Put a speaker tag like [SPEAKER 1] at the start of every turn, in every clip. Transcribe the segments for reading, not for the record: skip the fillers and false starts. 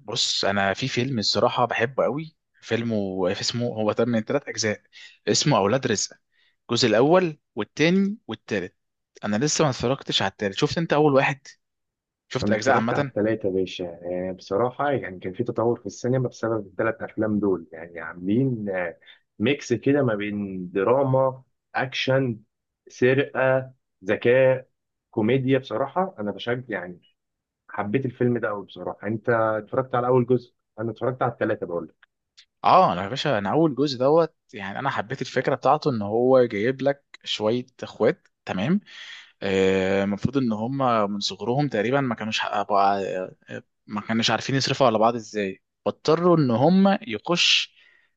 [SPEAKER 1] بص، انا في فيلم الصراحه بحبه قوي. فيلمه اسمه، هو تم من ثلاث اجزاء. اسمه اولاد رزق، الجزء الاول والتاني والتالت. انا لسه ما اتفرجتش على التالت. شفت انت اول واحد؟ شفت
[SPEAKER 2] انا
[SPEAKER 1] الاجزاء
[SPEAKER 2] اتفرجت على
[SPEAKER 1] عامه؟
[SPEAKER 2] التلاتة يا باشا، يعني بصراحة يعني كان في تطور في السينما بسبب التلات افلام دول، يعني عاملين ميكس كده ما بين دراما، اكشن، سرقة، ذكاء، كوميديا. بصراحة انا بشجع يعني، حبيت الفيلم ده قوي بصراحة. انت اتفرجت على اول جزء؟ انا اتفرجت على التلاتة بقول لك.
[SPEAKER 1] اه، انا يا باشا انا اول جزء دوت. يعني انا حبيت الفكره بتاعته ان هو جايب لك شويه اخوات تمام. المفروض ان هم من صغرهم تقريبا ما كانوش حققوا ما كانوش عارفين يصرفوا على بعض ازاي، فاضطروا ان هم يخش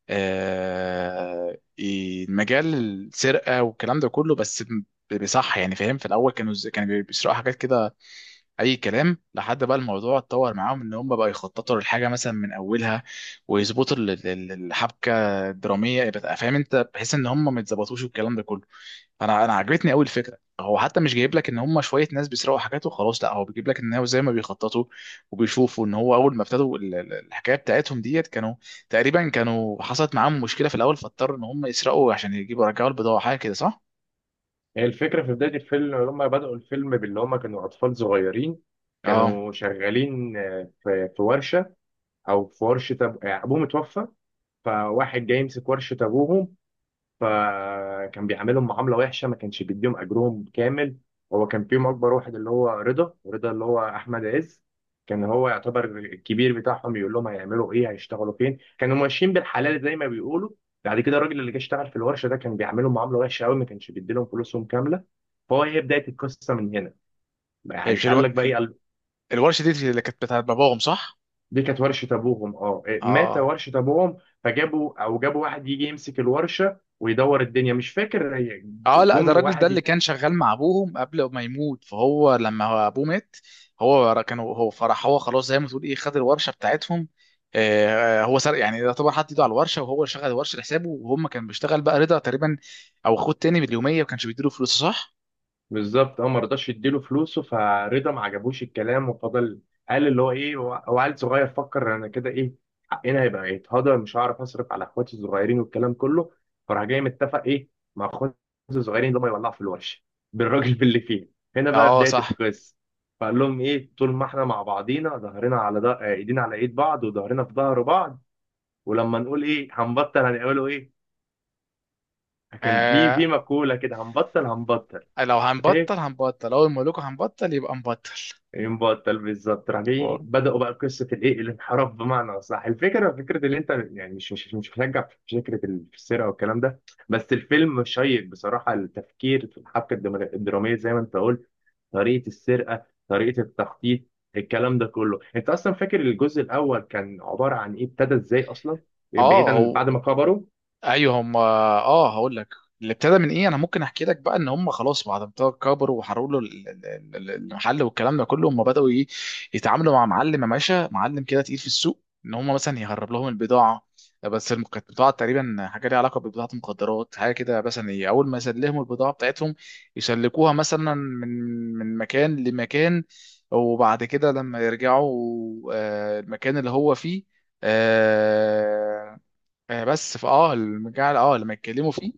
[SPEAKER 1] مجال السرقه والكلام ده كله، بس بصح يعني فاهم. في الاول كانوا كانوا بيسرقوا حاجات كده اي كلام. لحد بقى الموضوع اتطور معاهم، ان هم بقى يخططوا للحاجه مثلا من اولها، ويظبطوا الحبكه الدراميه. يبقى فاهم انت، بحيث ان هم ما يتظبطوش والكلام ده كله. انا عجبتني قوي الفكره. هو حتى مش جايب لك ان هم شويه ناس بيسرقوا حاجات وخلاص، لا، هو بيجيب لك ان هو زي ما بيخططوا وبيشوفوا. ان هو اول ما ابتدوا الحكايه بتاعتهم ديت كانوا تقريبا، كانوا حصلت معاهم مشكله في الاول، فاضطروا ان هم يسرقوا عشان يجيبوا يرجعوا البضاعه، حاجه كده صح؟
[SPEAKER 2] هي الفكرة في بداية الفيلم لما بدأوا الفيلم باللي هما كانوا اطفال صغيرين،
[SPEAKER 1] اه.
[SPEAKER 2] كانوا شغالين في ورشة، او في ورشة ابوه متوفى. فواحد جاي يمسك ورشة أبوهم، فكان بيعاملهم معاملة وحشة، ما كانش بيديهم أجرهم كامل. هو كان فيهم أكبر واحد اللي هو رضا اللي هو أحمد عز. كان هو يعتبر الكبير بتاعهم، يقول لهم هيعملوا إيه، هيشتغلوا فين. كانوا ماشيين بالحلال زي ما بيقولوا. بعد كده الراجل اللي جه اشتغل في الورشة ده كان بيعاملهم معاملة وحشة قوي، ما كانش بيديلهم فلوسهم كاملة. فهو هي بداية القصة من هنا.
[SPEAKER 1] هي
[SPEAKER 2] يعني
[SPEAKER 1] مش
[SPEAKER 2] قال لك بقى إيه؟
[SPEAKER 1] الورشه دي اللي كانت بتاعت باباهم صح؟
[SPEAKER 2] دي كانت ورشة أبوهم أه، إيه، مات.
[SPEAKER 1] اه،
[SPEAKER 2] ورشة أبوهم فجابوا أو جابوا واحد يجي يمسك الورشة ويدور الدنيا، مش فاكر هي
[SPEAKER 1] اه، لا، ده
[SPEAKER 2] جم
[SPEAKER 1] الراجل ده اللي
[SPEAKER 2] واحد.
[SPEAKER 1] كان شغال مع ابوهم قبل ما يموت، فهو لما هو ابوه مات. هو كان هو فرح. هو خلاص زي ما تقول ايه خد الورشه بتاعتهم. هو سرق يعني. ده طبعا حط ايده على الورشه، وهو اللي شغل الورشه لحسابه، وهم كان بيشتغل بقى رضا تقريبا. او خد تاني باليوميه وكانش بيديله فلوس صح؟
[SPEAKER 2] بالظبط اه، ما رضاش يديله فلوسه، فرضا ما عجبوش الكلام وفضل. قال اللي هو ايه، هو هو عيل صغير، فكر انا كده ايه، حقنا هيبقى يتهضم، مش هعرف اصرف على اخواتي الصغيرين والكلام كله. فراح جاي متفق ايه مع اخواتي الصغيرين اللي هم يولعوا في الورشه بالراجل باللي فيه. هنا بقى
[SPEAKER 1] اه،
[SPEAKER 2] بدايه
[SPEAKER 1] صح.
[SPEAKER 2] القصه. فقال لهم ايه، طول ما احنا مع بعضينا ظهرنا على ده، ايدينا على ايد بعض وظهرنا في ظهر بعض. ولما نقول ايه هنبطل هنقولوا ايه. كان في
[SPEAKER 1] آه
[SPEAKER 2] في مقوله كده، هنبطل
[SPEAKER 1] لو هنبطل هنبطل، اول ما اقول لكم هنبطل يبقى نبطل.
[SPEAKER 2] ينبع الطلب. بالظبط، راح جاي بدأوا بقى قصة الايه، الانحراف بمعنى أصح. الفكرة، فكرة اللي انت يعني، مش هشجع في فكرة السرقة والكلام ده، بس الفيلم شيق بصراحة. التفكير في الحبكة الدرامية زي ما انت قلت، طريقة السرقة، طريقة التخطيط، الكلام ده كله. انت اصلا فاكر الجزء الاول كان عبارة عن ايه؟ ابتدى ازاي اصلا؟
[SPEAKER 1] اه،
[SPEAKER 2] بعيدا عن
[SPEAKER 1] هو
[SPEAKER 2] بعد ما كبروا.
[SPEAKER 1] ايوه هم. اه، هقول لك. اللي ابتدى من ايه. انا ممكن احكي لك بقى، ان هم خلاص بعد ما ابتدوا كبروا وحرقوا له المحل والكلام ده كله. هم بداوا ايه، يتعاملوا مع معلم يا باشا، معلم كده تقيل في السوق، ان هم مثلا يهرب لهم البضاعه. بس كانت بضاعه تقريبا حاجه ليها علاقه ببضاعه مخدرات، حاجه كده مثلا. ايه اول ما يسلموا البضاعه بتاعتهم يسلكوها مثلا من مكان لمكان. وبعد كده لما يرجعوا المكان اللي هو فيه. آه، بس فاه المجال لما يتكلموا فيه.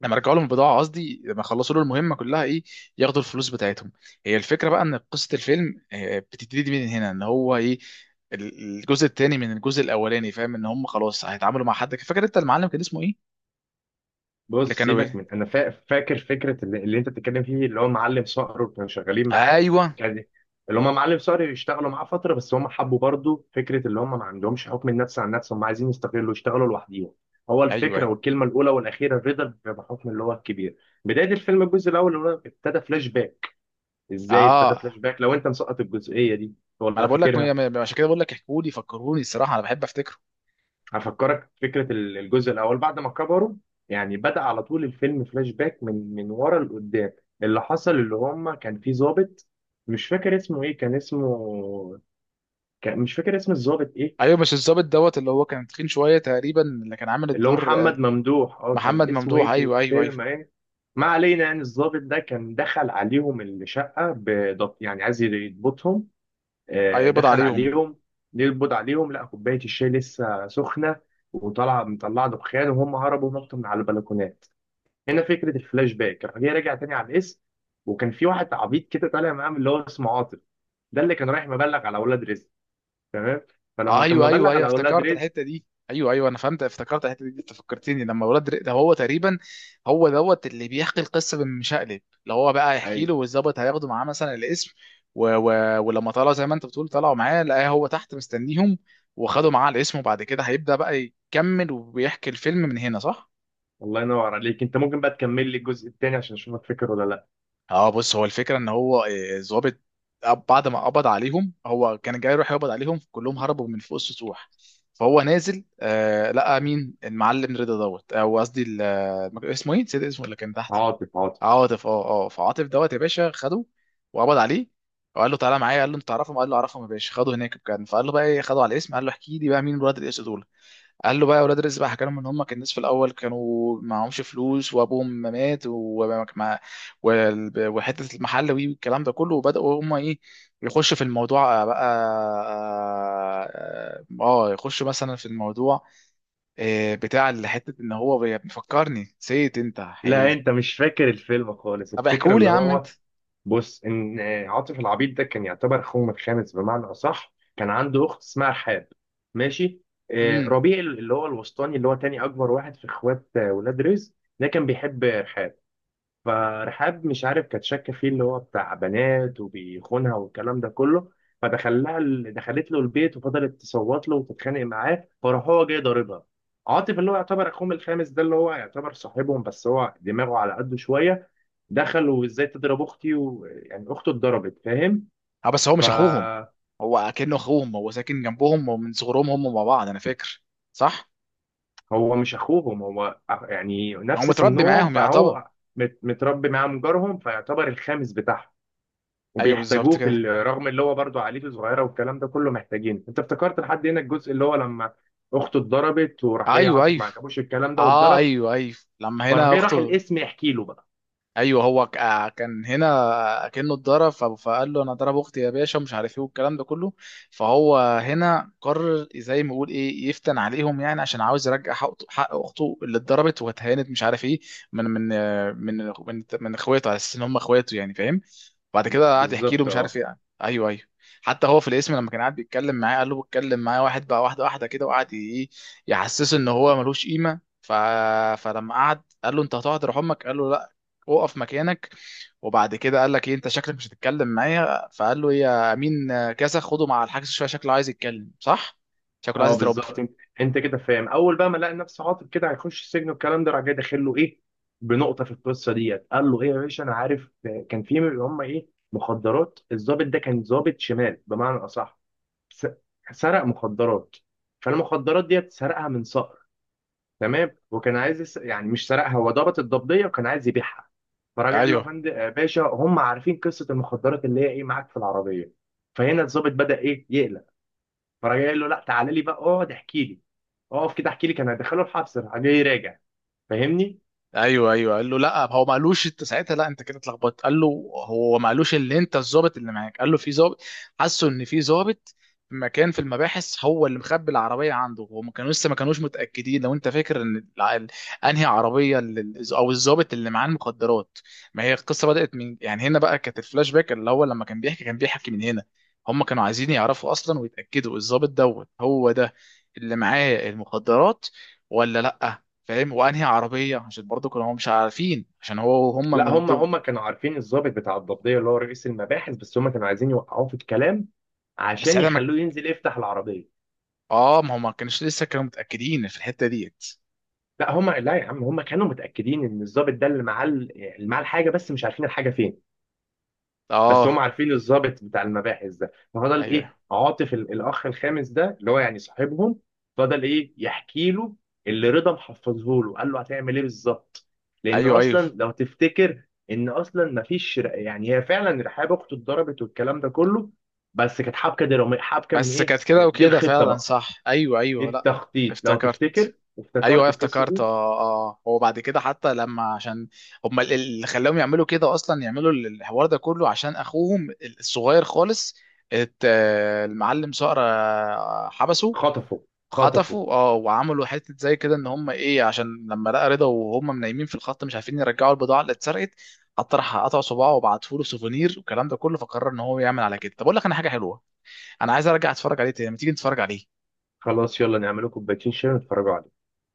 [SPEAKER 1] لما رجعوا لهم البضاعه، قصدي لما خلصوا له المهمه كلها ايه، ياخدوا الفلوس بتاعتهم. هي الفكره بقى ان قصه الفيلم بتبتدي من هنا، ان هو ايه. الجزء الثاني من الجزء الاولاني، فاهم ان هم خلاص هيتعاملوا مع حد. فاكر انت المعلم كان اسمه ايه؟ اللي
[SPEAKER 2] بص
[SPEAKER 1] كانوا
[SPEAKER 2] سيبك
[SPEAKER 1] بيه.
[SPEAKER 2] من انا فاكر فكره اللي انت بتتكلم فيه، اللي هو معلم صقر وكانوا شغالين معاه.
[SPEAKER 1] ايوه،
[SPEAKER 2] كان اللي هم معلم صقر يشتغلوا معاه فتره، بس هم حبوا برضو فكره اللي هم ما عندهمش حكم النفس عن نفسهم، هم عايزين يستقلوا يشتغلوا لوحديهم. هو
[SPEAKER 1] ايوه،
[SPEAKER 2] الفكره
[SPEAKER 1] أيوه.
[SPEAKER 2] والكلمه الاولى والاخيره الرضا بحكم اللي هو الكبير. بدايه الفيلم الجزء الاول اللي هو ابتدى فلاش باك، ازاي ابتدى
[SPEAKER 1] اه،
[SPEAKER 2] فلاش باك، لو انت مسقط الجزئيه دي
[SPEAKER 1] ما انا
[SPEAKER 2] ولا
[SPEAKER 1] بقول لك
[SPEAKER 2] فاكرها؟
[SPEAKER 1] عشان كده بقول لك، احكوا لي، فكروني الصراحه، انا بحب افتكره.
[SPEAKER 2] هفكرك فكرة الجزء الأول بعد ما كبروا. يعني بدأ على طول الفيلم فلاش باك، من ورا لقدام. اللي حصل اللي هم كان في ضابط، مش فاكر اسمه إيه، كان اسمه، كان مش فاكر اسم الضابط إيه،
[SPEAKER 1] ايوه، مش الظابط دوت اللي هو كان تخين شويه تقريبا، اللي كان عامل
[SPEAKER 2] اللي هو
[SPEAKER 1] الدور
[SPEAKER 2] محمد ممدوح أه،
[SPEAKER 1] محمد
[SPEAKER 2] كان اسمه
[SPEAKER 1] ممدوح.
[SPEAKER 2] إيه في
[SPEAKER 1] ايوه، ايوه، ايوه.
[SPEAKER 2] الفيلم إيه. ما علينا، يعني الضابط ده كان دخل عليهم الشقة بضبط، يعني عايز يضبطهم.
[SPEAKER 1] هيقبض
[SPEAKER 2] دخل
[SPEAKER 1] عليهم.
[SPEAKER 2] عليهم يقبض عليهم، لقى كوباية الشاي لسه سخنة، وطلع مطلع دخان، وهم هربوا نطوا من على البلكونات. هنا فكره الفلاش باك. راح جاي راجع تاني على الاسم، وكان في واحد عبيط كده طالع معاه من اللي هو اسمه عاطف، ده اللي كان رايح مبلغ على اولاد رزق، تمام؟ فلما كان
[SPEAKER 1] ايوه،
[SPEAKER 2] مبلغ
[SPEAKER 1] ايوه، ايوه
[SPEAKER 2] على اولاد
[SPEAKER 1] افتكرت
[SPEAKER 2] رزق
[SPEAKER 1] الحته دي. ايوه، ايوه، انا فهمت افتكرت الحته دي. انت فكرتني لما ولاد ده هو تقريبا. هو دوت اللي بيحكي القصه بالمشقلب، اللي هو بقى
[SPEAKER 2] اي،
[SPEAKER 1] يحكي له، والظابط هياخده معاه مثلا الاسم. ولما طلع زي ما انت بتقول، طلعوا معاه لقاه هو تحت مستنيهم. وخدوا معاه الاسم، وبعد كده هيبدا بقى يكمل، وبيحكي الفيلم من هنا صح؟
[SPEAKER 2] الله ينور عليك. انت ممكن بقى تكمل لي الجزء التاني عشان اشوفك فاكر ولا لا؟
[SPEAKER 1] اه، بص. هو الفكره ان هو ظابط. بعد ما قبض عليهم، هو كان جاي يروح يقبض عليهم كلهم، هربوا من فوق السطوح. فهو نازل، لقى مين؟ المعلم رضا دوت، او قصدي اسمه ايه نسيت اسمه، اللي كان تحت.
[SPEAKER 2] عاطف،
[SPEAKER 1] عاطف، اه، اه. فعاطف دوت يا باشا خده، وقبض عليه، وقال له تعالى معايا. قال له انت تعرفهم؟ قال له اعرفهم يا باشا. خده هناك كان، فقال له بقى ايه، خده على الاسم. قال له احكي لي بقى مين الولاد الاسود دول. قال له بقى يا ولاد رزق بقى. حكى لهم ان هم كان الناس في الاول كانوا معهمش فلوس، وابوهم ما مات، وحته المحل والكلام ده كله، وبداوا هم ايه يخشوا في الموضوع بقى. اه. يخشوا مثلا في الموضوع بتاع اللي حته ان هو بيفكرني نسيت انت.
[SPEAKER 2] لا انت
[SPEAKER 1] ايه؟
[SPEAKER 2] مش فاكر الفيلم خالص.
[SPEAKER 1] طب
[SPEAKER 2] الفكره
[SPEAKER 1] احكوا لي
[SPEAKER 2] اللي
[SPEAKER 1] يا عم انت.
[SPEAKER 2] هو، بص، ان عاطف العبيد ده كان يعتبر اخوهم الخامس، بمعنى اصح كان عنده اخت اسمها رحاب، ماشي؟
[SPEAKER 1] امم
[SPEAKER 2] ربيع اللي هو الوسطاني، اللي هو تاني اكبر واحد في اخوات ولاد رزق، ده كان بيحب رحاب. فرحاب مش عارف كانت شاكه فيه، اللي هو بتاع بنات وبيخونها والكلام ده كله. دخلت له البيت وفضلت تصوت له وتتخانق معاه، فراح هو جاي ضاربها. عاطف اللي هو يعتبر اخوهم الخامس ده، اللي هو يعتبر صاحبهم بس هو دماغه على قده شويه، دخلوا ازاي تضرب اختي، ويعني اخته اتضربت، فاهم؟
[SPEAKER 1] اه، بس هو مش اخوهم.
[SPEAKER 2] فهو
[SPEAKER 1] هو اكنه اخوهم، هو ساكن جنبهم ومن صغرهم هم مع بعض. انا فاكر صح.
[SPEAKER 2] مش اخوهم، هو يعني
[SPEAKER 1] هو
[SPEAKER 2] نفس
[SPEAKER 1] متربي
[SPEAKER 2] سنهم،
[SPEAKER 1] معاهم يعتبر.
[SPEAKER 2] فهو متربي معاهم جارهم، فيعتبر الخامس بتاعهم
[SPEAKER 1] ايوه، بالظبط
[SPEAKER 2] وبيحتاجوه في
[SPEAKER 1] كده.
[SPEAKER 2] رغم اللي هو برضه عائلته صغيره والكلام ده كله محتاجينه. انت افتكرت لحد هنا الجزء اللي هو لما اخته اتضربت، وراح جاي
[SPEAKER 1] ايوه،
[SPEAKER 2] عاطف
[SPEAKER 1] ايوه.
[SPEAKER 2] ما عجبوش الكلام ده
[SPEAKER 1] اه،
[SPEAKER 2] واتضرب.
[SPEAKER 1] ايوه، ايوه لما
[SPEAKER 2] فراح
[SPEAKER 1] هنا
[SPEAKER 2] جاي راح
[SPEAKER 1] اخته.
[SPEAKER 2] الاسم يحكي له بقى،
[SPEAKER 1] ايوه. هو كان هنا كأنه اتضرب. فقال له انا ضرب اختي يا باشا ومش عارف ايه والكلام ده كله. فهو هنا قرر، زي ما يقول ايه، يفتن عليهم، يعني عشان عاوز يرجع حق حق اخته اللي اتضربت واتهانت مش عارف ايه. من من آه، من من من اخواته على اساس ان هم اخواته يعني فاهم. بعد كده قعد يحكي له
[SPEAKER 2] بالظبط
[SPEAKER 1] مش عارف
[SPEAKER 2] اه.
[SPEAKER 1] ايه. ايوه، ايوه. حتى هو في الاسم، لما كان قاعد بيتكلم معاه قال له بتكلم معاه واحد بقى، واحده واحده كده، وقعد ايه يحسسه ان هو ملوش قيمه. فلما قعد قال له انت هتقعد روح امك. قال له لا، اقف مكانك. وبعد كده قال لك ايه، انت شكلك مش هتتكلم معايا. فقال له إيه يا امين؟ كذا، خده مع الحجز شويه، شكله عايز يتكلم صح، شكله عايز
[SPEAKER 2] اه
[SPEAKER 1] يترب.
[SPEAKER 2] بالظبط، انت انت كده فاهم. اول بقى ما لقى نفسه عاطل كده هيخش السجن والكلام ده، راح جاي داخل له ايه بنقطه في القصه ديت، قال له ايه يا باشا، انا عارف كان في اللي هم ايه، مخدرات. الضابط ده كان ضابط شمال بمعنى اصح، س- سرق مخدرات. فالمخدرات ديت سرقها من صقر، تمام، وكان عايز يعني مش سرقها، هو ضابط الضبطيه وكان عايز يبيعها. فراجع قال له يا
[SPEAKER 1] ايوه،
[SPEAKER 2] فندم باشا، هم عارفين قصه المخدرات اللي هي ايه معاك في العربيه. فهنا الضابط بدأ ايه، يقلق. فراجع قايل له لا، تعالى لي بقى اقعد احكي لي، اقف كده احكي لي. كان هيدخله الحبس، راح جاي راجع، فاهمني؟
[SPEAKER 1] ايوه، ايوه. قال له لا، هو ما قالوش انت ساعتها. لا، انت كده اتلخبطت. قال له هو ما قالوش اللي انت الظابط اللي معاك. قال له في ظابط، حسوا ان في ظابط في مكان في المباحث هو اللي مخبي العربيه عنده. وما كانوا لسه، ما كانوش متاكدين لو انت فاكر، ان انهي عربيه او الظابط اللي معاه المخدرات. ما هي القصه بدات من يعني هنا بقى كانت الفلاش باك، اللي هو لما كان بيحكي من هنا. هم كانوا عايزين يعرفوا اصلا ويتاكدوا الظابط دوت هو ده اللي معاه المخدرات ولا لا. فاهم. وانهي عربيه، عشان برضه كانوا هم مش عارفين، عشان هو وهم
[SPEAKER 2] لا،
[SPEAKER 1] من
[SPEAKER 2] هم
[SPEAKER 1] دول.
[SPEAKER 2] هم كانوا عارفين الضابط بتاع الضبطيه اللي هو رئيس المباحث، بس هم كانوا عايزين يوقعوه في الكلام
[SPEAKER 1] بس
[SPEAKER 2] عشان
[SPEAKER 1] ساعتها
[SPEAKER 2] يخلوه ينزل يفتح العربيه.
[SPEAKER 1] ما هم ما كانوش لسه، كانوا متاكدين في الحته ديت.
[SPEAKER 2] لا هم، لا يا عم، هم كانوا متاكدين ان الضابط ده اللي معاه اللي معاه الحاجه، بس مش عارفين الحاجه فين. بس
[SPEAKER 1] اه،
[SPEAKER 2] هم عارفين الضابط بتاع المباحث ده. ففضل
[SPEAKER 1] ايوه،
[SPEAKER 2] ايه عاطف الاخ الخامس ده اللي هو يعني صاحبهم، فضل ايه يحكي له اللي رضا محفظه له. قال له هتعمل ايه بالظبط، لان
[SPEAKER 1] ايوه، ايوه.
[SPEAKER 2] اصلا لو تفتكر ان اصلا مفيش يعني هي فعلا رحاب اخته اتضربت والكلام ده كله، بس كانت حبكه دراميه، حبكه من
[SPEAKER 1] بس
[SPEAKER 2] ايه
[SPEAKER 1] كانت كده
[SPEAKER 2] دي،
[SPEAKER 1] وكده
[SPEAKER 2] الخطه
[SPEAKER 1] فعلا
[SPEAKER 2] بقى،
[SPEAKER 1] صح. ايوه،
[SPEAKER 2] دي
[SPEAKER 1] ايوه، لا.
[SPEAKER 2] التخطيط. لو
[SPEAKER 1] افتكرت.
[SPEAKER 2] تفتكر
[SPEAKER 1] ايوه
[SPEAKER 2] وافتكرت القصه
[SPEAKER 1] افتكرت،
[SPEAKER 2] دي.
[SPEAKER 1] اه، اه. هو بعد كده حتى لما، عشان هم اللي خلاهم يعملوا كده اصلا، يعملوا الحوار ده كله عشان اخوهم الصغير خالص. المعلم صقر حبسه.
[SPEAKER 2] خطفوا خطفوا
[SPEAKER 1] خطفوا، اه. وعملوا حته زي كده ان هم ايه، عشان لما لقى رضا وهم نايمين في الخط مش عارفين يرجعوا البضاعه اللي اتسرقت. حتى راح قطع صباعه وبعته له سوفونير والكلام ده كله. فقرر ان هو يعمل على كده. طب اقول لك انا حاجه حلوه، انا عايز ارجع اتفرج عليه تاني. ما تيجي نتفرج عليه.
[SPEAKER 2] خلاص، يلا نعمل لكم كوبايتين شاي ونتفرجوا عليه.